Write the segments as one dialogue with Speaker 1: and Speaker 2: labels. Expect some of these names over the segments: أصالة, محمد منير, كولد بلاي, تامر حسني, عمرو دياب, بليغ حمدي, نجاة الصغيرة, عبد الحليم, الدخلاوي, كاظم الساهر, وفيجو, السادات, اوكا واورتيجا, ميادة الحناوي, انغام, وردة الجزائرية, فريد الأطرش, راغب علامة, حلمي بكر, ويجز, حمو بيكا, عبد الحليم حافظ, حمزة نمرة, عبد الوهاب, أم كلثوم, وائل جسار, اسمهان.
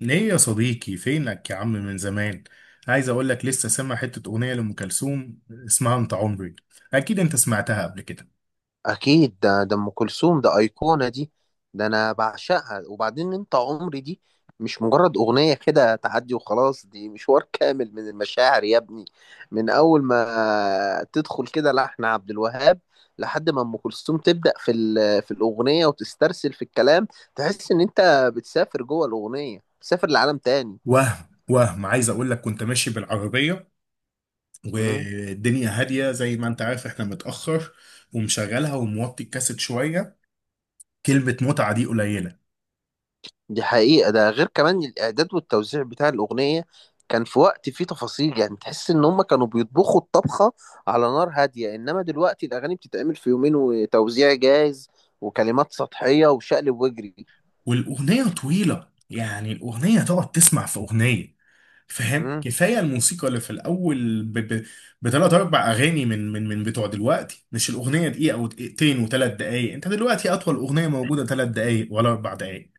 Speaker 1: ليه يا صديقي؟ فينك يا عم من زمان. عايز اقول لك لسه سامع حتة اغنية لأم كلثوم اسمها انت عمري. اكيد انت سمعتها قبل كده.
Speaker 2: اكيد ده ام كلثوم ده ايقونه دي. ده انا بعشقها، وبعدين انت عمري دي مش مجرد اغنيه كده تعدي وخلاص، دي مشوار كامل من المشاعر يا ابني. من اول ما تدخل كده لحن عبد الوهاب لحد ما ام كلثوم تبدا في الاغنيه وتسترسل في الكلام، تحس ان انت بتسافر جوه الاغنيه، بتسافر لعالم تاني.
Speaker 1: وهم عايز اقول لك كنت ماشي بالعربية والدنيا هادية، زي ما انت عارف احنا متأخر، ومشغلها وموطي الكاسيت شوية. كلمة متعة دي قليلة.
Speaker 2: دي حقيقة، ده غير كمان الإعداد والتوزيع بتاع الأغنية. كان في وقت فيه تفاصيل، يعني تحس إن هما كانوا بيطبخوا الطبخة على نار هادية. إنما دلوقتي الأغاني بتتعمل في يومين وتوزيع جاهز وكلمات سطحية وشقلب واجري.
Speaker 1: والاغنية طويلة، يعني الاغنية تقعد تسمع في اغنية، فاهم؟
Speaker 2: مم.
Speaker 1: كفايه الموسيقى اللي في الاول بثلاث اربع اغاني من بتوع دلوقتي. مش الاغنيه دقيقه او دقيقتين وثلاث دقائق؟ انت دلوقتي اطول اغنيه موجوده ثلاث دقائق ولا اربع دقائق.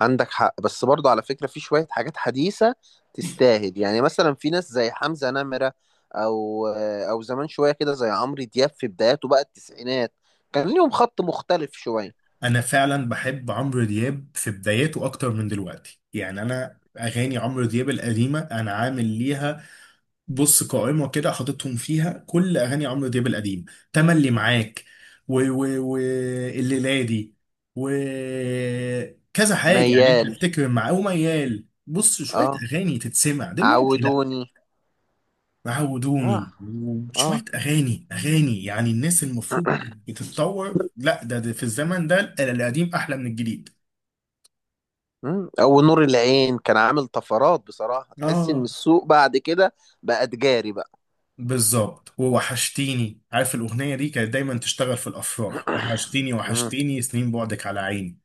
Speaker 2: عندك حق، بس برضه على فكرة في شوية حاجات حديثة تستاهل. يعني مثلا في ناس زي حمزة نمرة، أو أو زمان شوية كده زي عمرو دياب في بداياته بقى التسعينات، كان ليهم خط مختلف شوية.
Speaker 1: انا فعلا بحب عمرو دياب في بداياته اكتر من دلوقتي. يعني انا اغاني عمرو دياب القديمه انا عامل ليها بص قائمة كده، حاططهم فيها كل أغاني عمرو دياب القديم. تملي معاك و و الليلادي و كذا حاجة. يعني أنت
Speaker 2: ميال،
Speaker 1: تفتكر مع وميال؟ بص، شوية
Speaker 2: اه.
Speaker 1: أغاني تتسمع دلوقتي؟ لأ.
Speaker 2: عودوني. اه.
Speaker 1: عودوني
Speaker 2: اه.
Speaker 1: وشوية أغاني أغاني، يعني الناس المفروض بتتطور. لأ ده في الزمن ده القديم أحلى من الجديد.
Speaker 2: او نور العين كان عامل طفرات بصراحة، تحس ان
Speaker 1: آه.
Speaker 2: السوق بعد كده بقى تجاري بقى.
Speaker 1: بالظبط، ووحشتيني. عارف الأغنية دي كانت دايما تشتغل في الأفراح؟ وحشتيني
Speaker 2: مم.
Speaker 1: وحشتيني سنين بعدك على عيني.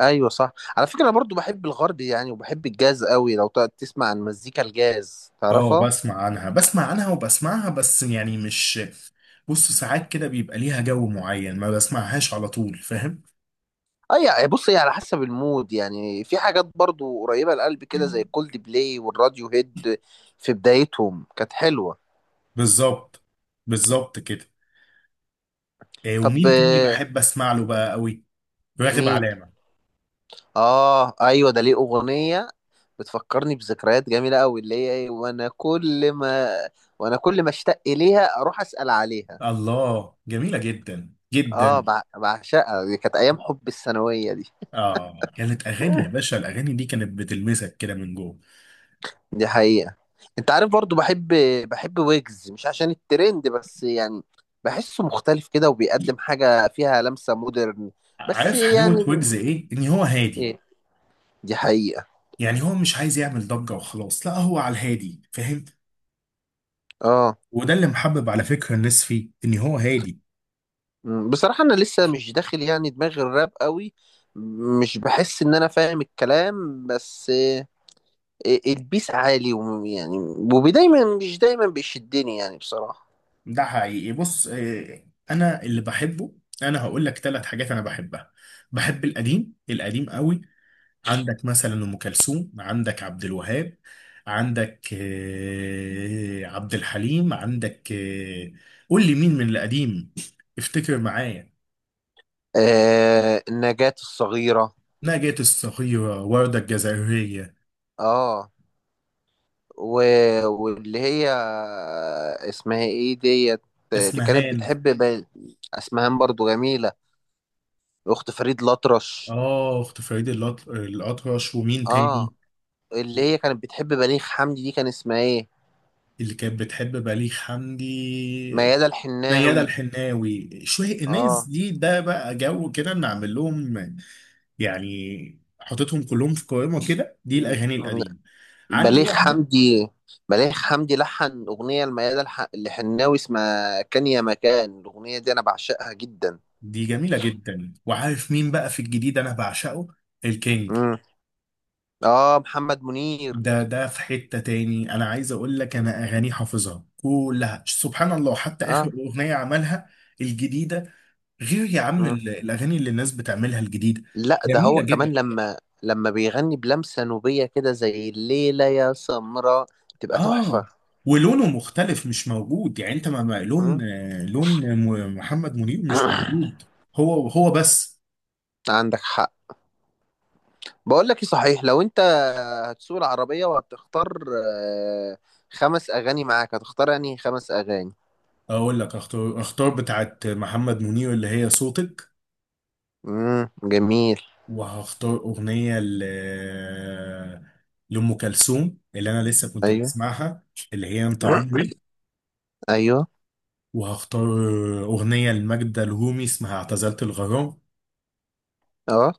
Speaker 2: ايوه صح، على فكرة انا برضو بحب الغرب يعني، وبحب الجاز قوي. لو تقعد تسمع عن مزيكا الجاز،
Speaker 1: اه
Speaker 2: تعرفها.
Speaker 1: بسمع عنها، بسمع عنها وبسمعها، بس يعني مش، بص ساعات كده بيبقى ليها جو معين ما بسمعهاش على طول، فاهم.
Speaker 2: اي، بص هي على حسب المود، يعني في حاجات برضو قريبة للقلب كده زي كولد بلاي والراديو هيد في بدايتهم كانت حلوة.
Speaker 1: بالظبط. بالظبط كده. آه،
Speaker 2: طب
Speaker 1: ومين تاني بحب أسمع له بقى قوي؟ راغب
Speaker 2: مين؟
Speaker 1: علامة.
Speaker 2: اه ايوه ده ليه اغنيه بتفكرني بذكريات جميله قوي اللي هي ايه، وانا كل ما وانا كل ما اشتاق اليها اروح اسال عليها.
Speaker 1: الله جميلة جدا
Speaker 2: اه،
Speaker 1: جدا.
Speaker 2: بعشقها، دي كانت ايام حب الثانويه دي.
Speaker 1: اه كانت أغاني يا باشا، الأغاني دي كانت بتلمسك كده من جوه.
Speaker 2: دي حقيقه. انت عارف، برضو بحب بحب ويجز، مش عشان الترند بس يعني، بحسه مختلف كده وبيقدم حاجه فيها لمسه مودرن. بس
Speaker 1: عارف
Speaker 2: يعني
Speaker 1: حلاوة ويجز ايه؟ ان هو هادي.
Speaker 2: ايه. دي حقيقه.
Speaker 1: يعني هو مش عايز يعمل ضجة وخلاص، لا هو على الهادي، فاهم؟
Speaker 2: اه.
Speaker 1: وده اللي محبب على فكرة الناس فيه، ان هو هادي.
Speaker 2: بصراحة أنا لسه مش داخل يعني دماغي الراب قوي، مش بحس إن أنا فاهم الكلام. بس البيس عالي، ويعني ودايما مش دايما بيشدني يعني بصراحة.
Speaker 1: ده حقيقي. بص، آه، انا اللي بحبه، انا هقول لك ثلاث حاجات انا بحبها. بحب القديم القديم قوي. عندك مثلا ام كلثوم، عندك عبد الوهاب، عندك آه، عبد الحليم، عندك آه، قول لي مين من القديم، افتكر معايا.
Speaker 2: آه، النجاة الصغيرة.
Speaker 1: نجاة الصغيرة، وردة الجزائرية.
Speaker 2: اه و... واللي هي اسمها ايه ديت، اللي كانت
Speaker 1: اسمهان.
Speaker 2: اسمها برضو جميلة، أخت فريد الأطرش.
Speaker 1: اه اخت فريد الأطرش. ومين
Speaker 2: اه،
Speaker 1: تاني؟
Speaker 2: اللي هي كانت بتحب بليغ حمدي، دي كان اسمها ايه؟
Speaker 1: اللي كانت بتحب بليغ حمدي؟
Speaker 2: ميادة
Speaker 1: ميادة
Speaker 2: الحناوي.
Speaker 1: الحناوي. شوية الناس
Speaker 2: اه.
Speaker 1: دي ده بقى جو كده نعمل لهم. يعني حطيتهم كلهم في قائمة كده دي
Speaker 2: مم.
Speaker 1: الأغاني القديمة. عندي
Speaker 2: بليغ
Speaker 1: واحدة.
Speaker 2: حمدي. بليغ حمدي لحن أغنية لميادة الحناوي اسمها كان يا مكان، الأغنية دي أنا بعشقها جدا.
Speaker 1: دي جميلة جدا. وعارف مين بقى في الجديد أنا بعشقه؟ الكينج.
Speaker 2: مم. آه، محمد منير.
Speaker 1: ده في حتة تاني، أنا عايز أقول لك أنا
Speaker 2: لا.
Speaker 1: أغانيه حافظها كلها سبحان الله، حتى آخر
Speaker 2: آه.
Speaker 1: أغنية عملها الجديدة. غير يا عم
Speaker 2: مم.
Speaker 1: الاغاني اللي الناس بتعملها الجديده،
Speaker 2: لا ده هو
Speaker 1: جميله
Speaker 2: كمان
Speaker 1: جدا.
Speaker 2: لما لما بيغني بلمسة نوبية كده زي الليلة يا سمراء، تبقى تحفة.
Speaker 1: اه ولونه مختلف مش موجود، يعني انت
Speaker 2: مم.
Speaker 1: لون آه، لون محمد منير مش موجود. هو هو بس.
Speaker 2: عندك حق. بقول لك إيه صحيح، لو أنت هتسوق العربية وهتختار آه، خمس أغاني معاك، هتختار أنهي خمس أغاني؟
Speaker 1: اقول لك، اختار، اختار بتاعت محمد منير اللي هي صوتك،
Speaker 2: امم، جميل.
Speaker 1: وهختار اغنيه ل لام كلثوم اللي انا لسه كنت
Speaker 2: ايوه.
Speaker 1: بسمعها، اللي هي انت عمري،
Speaker 2: ايوه.
Speaker 1: وهختار اغنيه لماجدة الرومي اسمها اعتزلت الغرام،
Speaker 2: اه.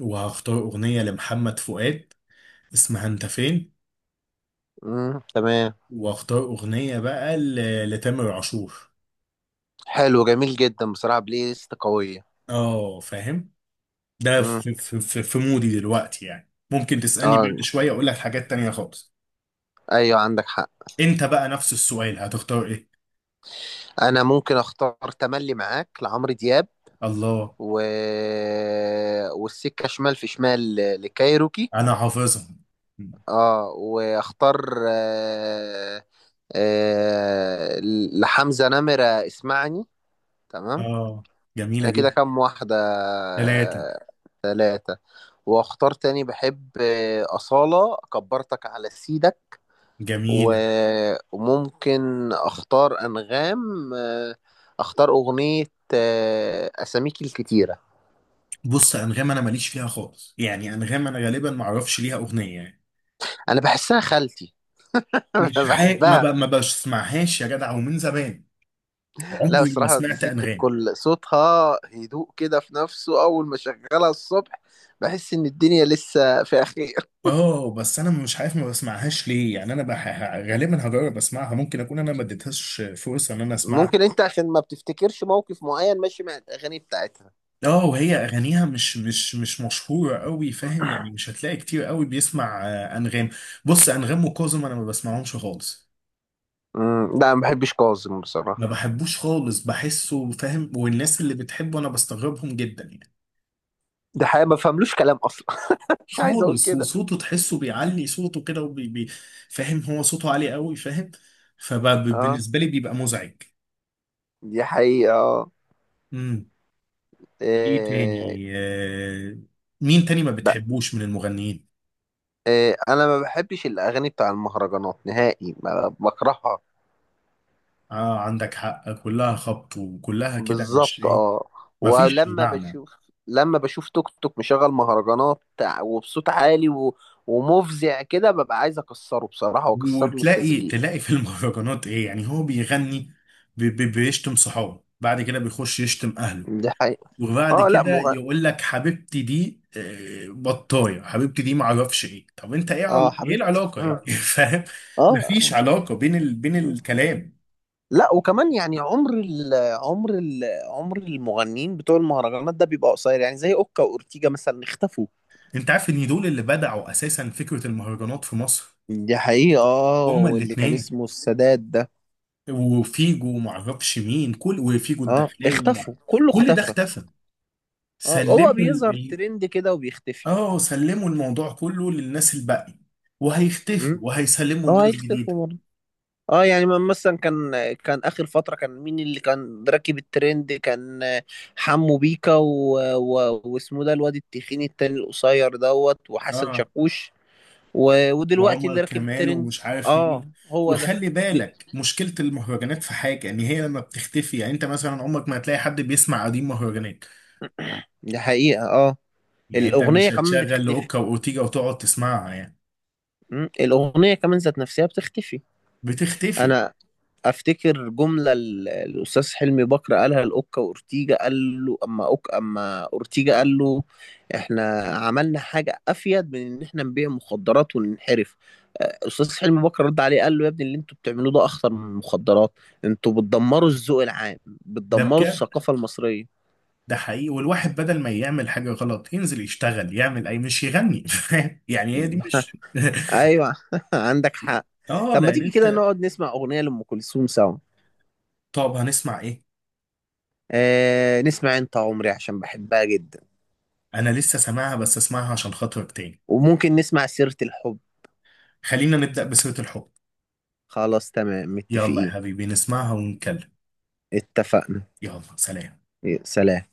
Speaker 1: وهختار أغنية لمحمد فؤاد اسمها انت فين،
Speaker 2: امم، تمام.
Speaker 1: واختار اغنيه بقى لتامر عاشور.
Speaker 2: حلو جميل جدا، بصراحة بلاي ليست قوية.
Speaker 1: اه فاهم، ده
Speaker 2: امم.
Speaker 1: في, في مودي دلوقتي، يعني ممكن تسالني بعد
Speaker 2: اه.
Speaker 1: شويه اقول لك حاجات تانية خالص.
Speaker 2: ايوه عندك حق.
Speaker 1: انت بقى نفس السؤال، هتختار ايه؟
Speaker 2: انا ممكن اختار تملي معاك لعمرو دياب
Speaker 1: الله.
Speaker 2: و... والسكة شمال في شمال لكايروكي.
Speaker 1: انا حافظها.
Speaker 2: اه واختار آه... آه... لحمزة نمرة اسمعني، تمام.
Speaker 1: اه جميله
Speaker 2: انا كده
Speaker 1: جدا.
Speaker 2: كام واحدة؟
Speaker 1: ثلاثه.
Speaker 2: ثلاثة. واختار تاني، بحب أصالة كبرتك على سيدك. و...
Speaker 1: جميله.
Speaker 2: وممكن اختار انغام، اختار اغنية اساميك الكتيرة.
Speaker 1: بص انغام انا ماليش فيها خالص، يعني انغام انا غالبا ما اعرفش ليها اغنيه يعني.
Speaker 2: انا بحسها خالتي انا
Speaker 1: مش حاجه
Speaker 2: بحبها.
Speaker 1: ما بسمعهاش يا جدع، ومن زمان
Speaker 2: لا
Speaker 1: عمري ما
Speaker 2: بصراحة دي
Speaker 1: سمعت
Speaker 2: ست
Speaker 1: انغام.
Speaker 2: الكل، صوتها هدوء كده في نفسه، اول ما شغلها الصبح بحس ان الدنيا لسه في خير.
Speaker 1: اه بس انا مش عارف ما بسمعهاش ليه، يعني انا بح... غالبا هجرب اسمعها، ممكن اكون انا ما اديتهاش فرصه ان انا اسمعها.
Speaker 2: ممكن انت عشان ما بتفتكرش موقف معين ماشي مع الاغاني بتاعتها.
Speaker 1: اه وهي اغانيها مش مشهوره قوي فاهم، يعني مش هتلاقي كتير قوي بيسمع آه، انغام. بص انغام وكاظم انا ما بسمعهمش خالص.
Speaker 2: امم، لا ما بحبش كاظم بصراحة.
Speaker 1: ما بحبوش خالص، بحسه فاهم، والناس اللي بتحبه انا بستغربهم جدا يعني.
Speaker 2: ده حقيقة ما فهملوش كلام أصلا مش عايز أقول
Speaker 1: خالص.
Speaker 2: كده.
Speaker 1: وصوته تحسه بيعلي صوته كده فاهم هو صوته عالي قوي، فاهم،
Speaker 2: اه
Speaker 1: فبالنسبه لي بيبقى مزعج.
Speaker 2: دي حقيقة اه.
Speaker 1: ايه
Speaker 2: إيه؟
Speaker 1: تاني آه، مين تاني ما
Speaker 2: بقى
Speaker 1: بتحبوش من المغنيين؟
Speaker 2: إيه، أنا ما بحبش الأغاني بتاع المهرجانات نهائي، ما بكرهها.
Speaker 1: اه عندك حق كلها خبط وكلها كده، مش
Speaker 2: بالظبط
Speaker 1: ايه،
Speaker 2: اه.
Speaker 1: ما فيش
Speaker 2: ولما
Speaker 1: معنى.
Speaker 2: بشوف، لما بشوف توك توك مشغل مهرجانات وبصوت عالي ومفزع كده، ببقى عايز أكسره بصراحة، وأكسر له
Speaker 1: وتلاقي
Speaker 2: التسجيل.
Speaker 1: تلاقي في المهرجانات ايه؟ يعني هو بيغني بي بيشتم صحابه، بعد كده بيخش يشتم اهله،
Speaker 2: دي حقيقة
Speaker 1: وبعد
Speaker 2: اه. لا
Speaker 1: كده
Speaker 2: مغ...
Speaker 1: يقول لك حبيبتي دي آه، بطايه حبيبتي دي ما اعرفش ايه. طب انت ايه
Speaker 2: اه
Speaker 1: عل... ايه
Speaker 2: حبيبتي،
Speaker 1: العلاقه
Speaker 2: اه.
Speaker 1: يعني، فاهم. مفيش
Speaker 2: اه.
Speaker 1: علاقه بين بين
Speaker 2: آه.
Speaker 1: الكلام.
Speaker 2: لا وكمان يعني عمر ال عمر المغنيين بتوع المهرجانات ده بيبقى قصير، يعني زي اوكا واورتيجا مثلا، اختفوا.
Speaker 1: انت عارف ان دول اللي بدعوا اساسا فكره المهرجانات في مصر؟
Speaker 2: دي حقيقة اه،
Speaker 1: هما
Speaker 2: واللي كان
Speaker 1: الاثنين،
Speaker 2: اسمه السادات ده
Speaker 1: وفيجو، وما اعرفش مين، كل وفيجو
Speaker 2: اه،
Speaker 1: الدخلاوي
Speaker 2: اختفوا، كله
Speaker 1: كل ده
Speaker 2: اختفى.
Speaker 1: اختفى.
Speaker 2: اه هو
Speaker 1: سلموا
Speaker 2: بيظهر ترند كده وبيختفي.
Speaker 1: اه سلموا الموضوع كله للناس الباقي، وهيختفوا
Speaker 2: امم.
Speaker 1: وهيسلموا
Speaker 2: اه
Speaker 1: الناس جديده.
Speaker 2: هيختفوا برضه. اه يعني، مثلا كان اخر فترة كان مين اللي كان راكب الترند؟ كان حمو بيكا واسمه ده الواد التخين التاني القصير دوت، وحسن
Speaker 1: اه
Speaker 2: شاكوش. ودلوقتي
Speaker 1: وعمر
Speaker 2: اللي راكب
Speaker 1: كمال
Speaker 2: الترند
Speaker 1: ومش عارف
Speaker 2: اه
Speaker 1: مين.
Speaker 2: هو ده.
Speaker 1: وخلي
Speaker 2: دي,
Speaker 1: بالك مشكله المهرجانات في حاجه، ان هي لما بتختفي، يعني انت مثلا عمرك ما هتلاقي حد بيسمع قديم مهرجانات،
Speaker 2: دي حقيقة اه.
Speaker 1: يعني انت
Speaker 2: الأغنية
Speaker 1: مش
Speaker 2: كمان
Speaker 1: هتشغل
Speaker 2: بتختفي.
Speaker 1: لاوكا واورتيجا وتقعد تسمعها يعني،
Speaker 2: م? الأغنية كمان ذات نفسها بتختفي.
Speaker 1: بتختفي.
Speaker 2: أنا أفتكر جملة الأستاذ حلمي بكر قالها لأوكا وأورتيجا، قال له أما أوكا أما أورتيجا، قال له إحنا عملنا حاجة أفيد من إن إحنا نبيع مخدرات وننحرف. أستاذ حلمي بكر رد عليه قال له يا ابني، اللي أنتوا بتعملوه ده أخطر من المخدرات، أنتوا بتدمروا الذوق العام،
Speaker 1: ده
Speaker 2: بتدمروا الثقافة المصرية.
Speaker 1: ده حقيقي، والواحد بدل ما يعمل حاجة غلط ينزل يشتغل يعمل أي، مش يغني، فاهم؟ يعني هي دي مش.
Speaker 2: ايوه عندك حق.
Speaker 1: اه
Speaker 2: طب ما
Speaker 1: لأن
Speaker 2: تيجي
Speaker 1: أنت.
Speaker 2: كده نقعد نسمع اغنيه لام كلثوم سوا.
Speaker 1: طب هنسمع إيه؟
Speaker 2: آه نسمع انت عمري عشان بحبها جدا.
Speaker 1: أنا لسه سامعها، بس أسمعها عشان خاطرك تاني.
Speaker 2: وممكن نسمع سيره الحب.
Speaker 1: خلينا نبدأ بسيرة الحب.
Speaker 2: خلاص تمام،
Speaker 1: يلا يا
Speaker 2: متفقين.
Speaker 1: حبيبي نسمعها ونتكلم.
Speaker 2: اتفقنا.
Speaker 1: يلا سلام.
Speaker 2: يا سلام.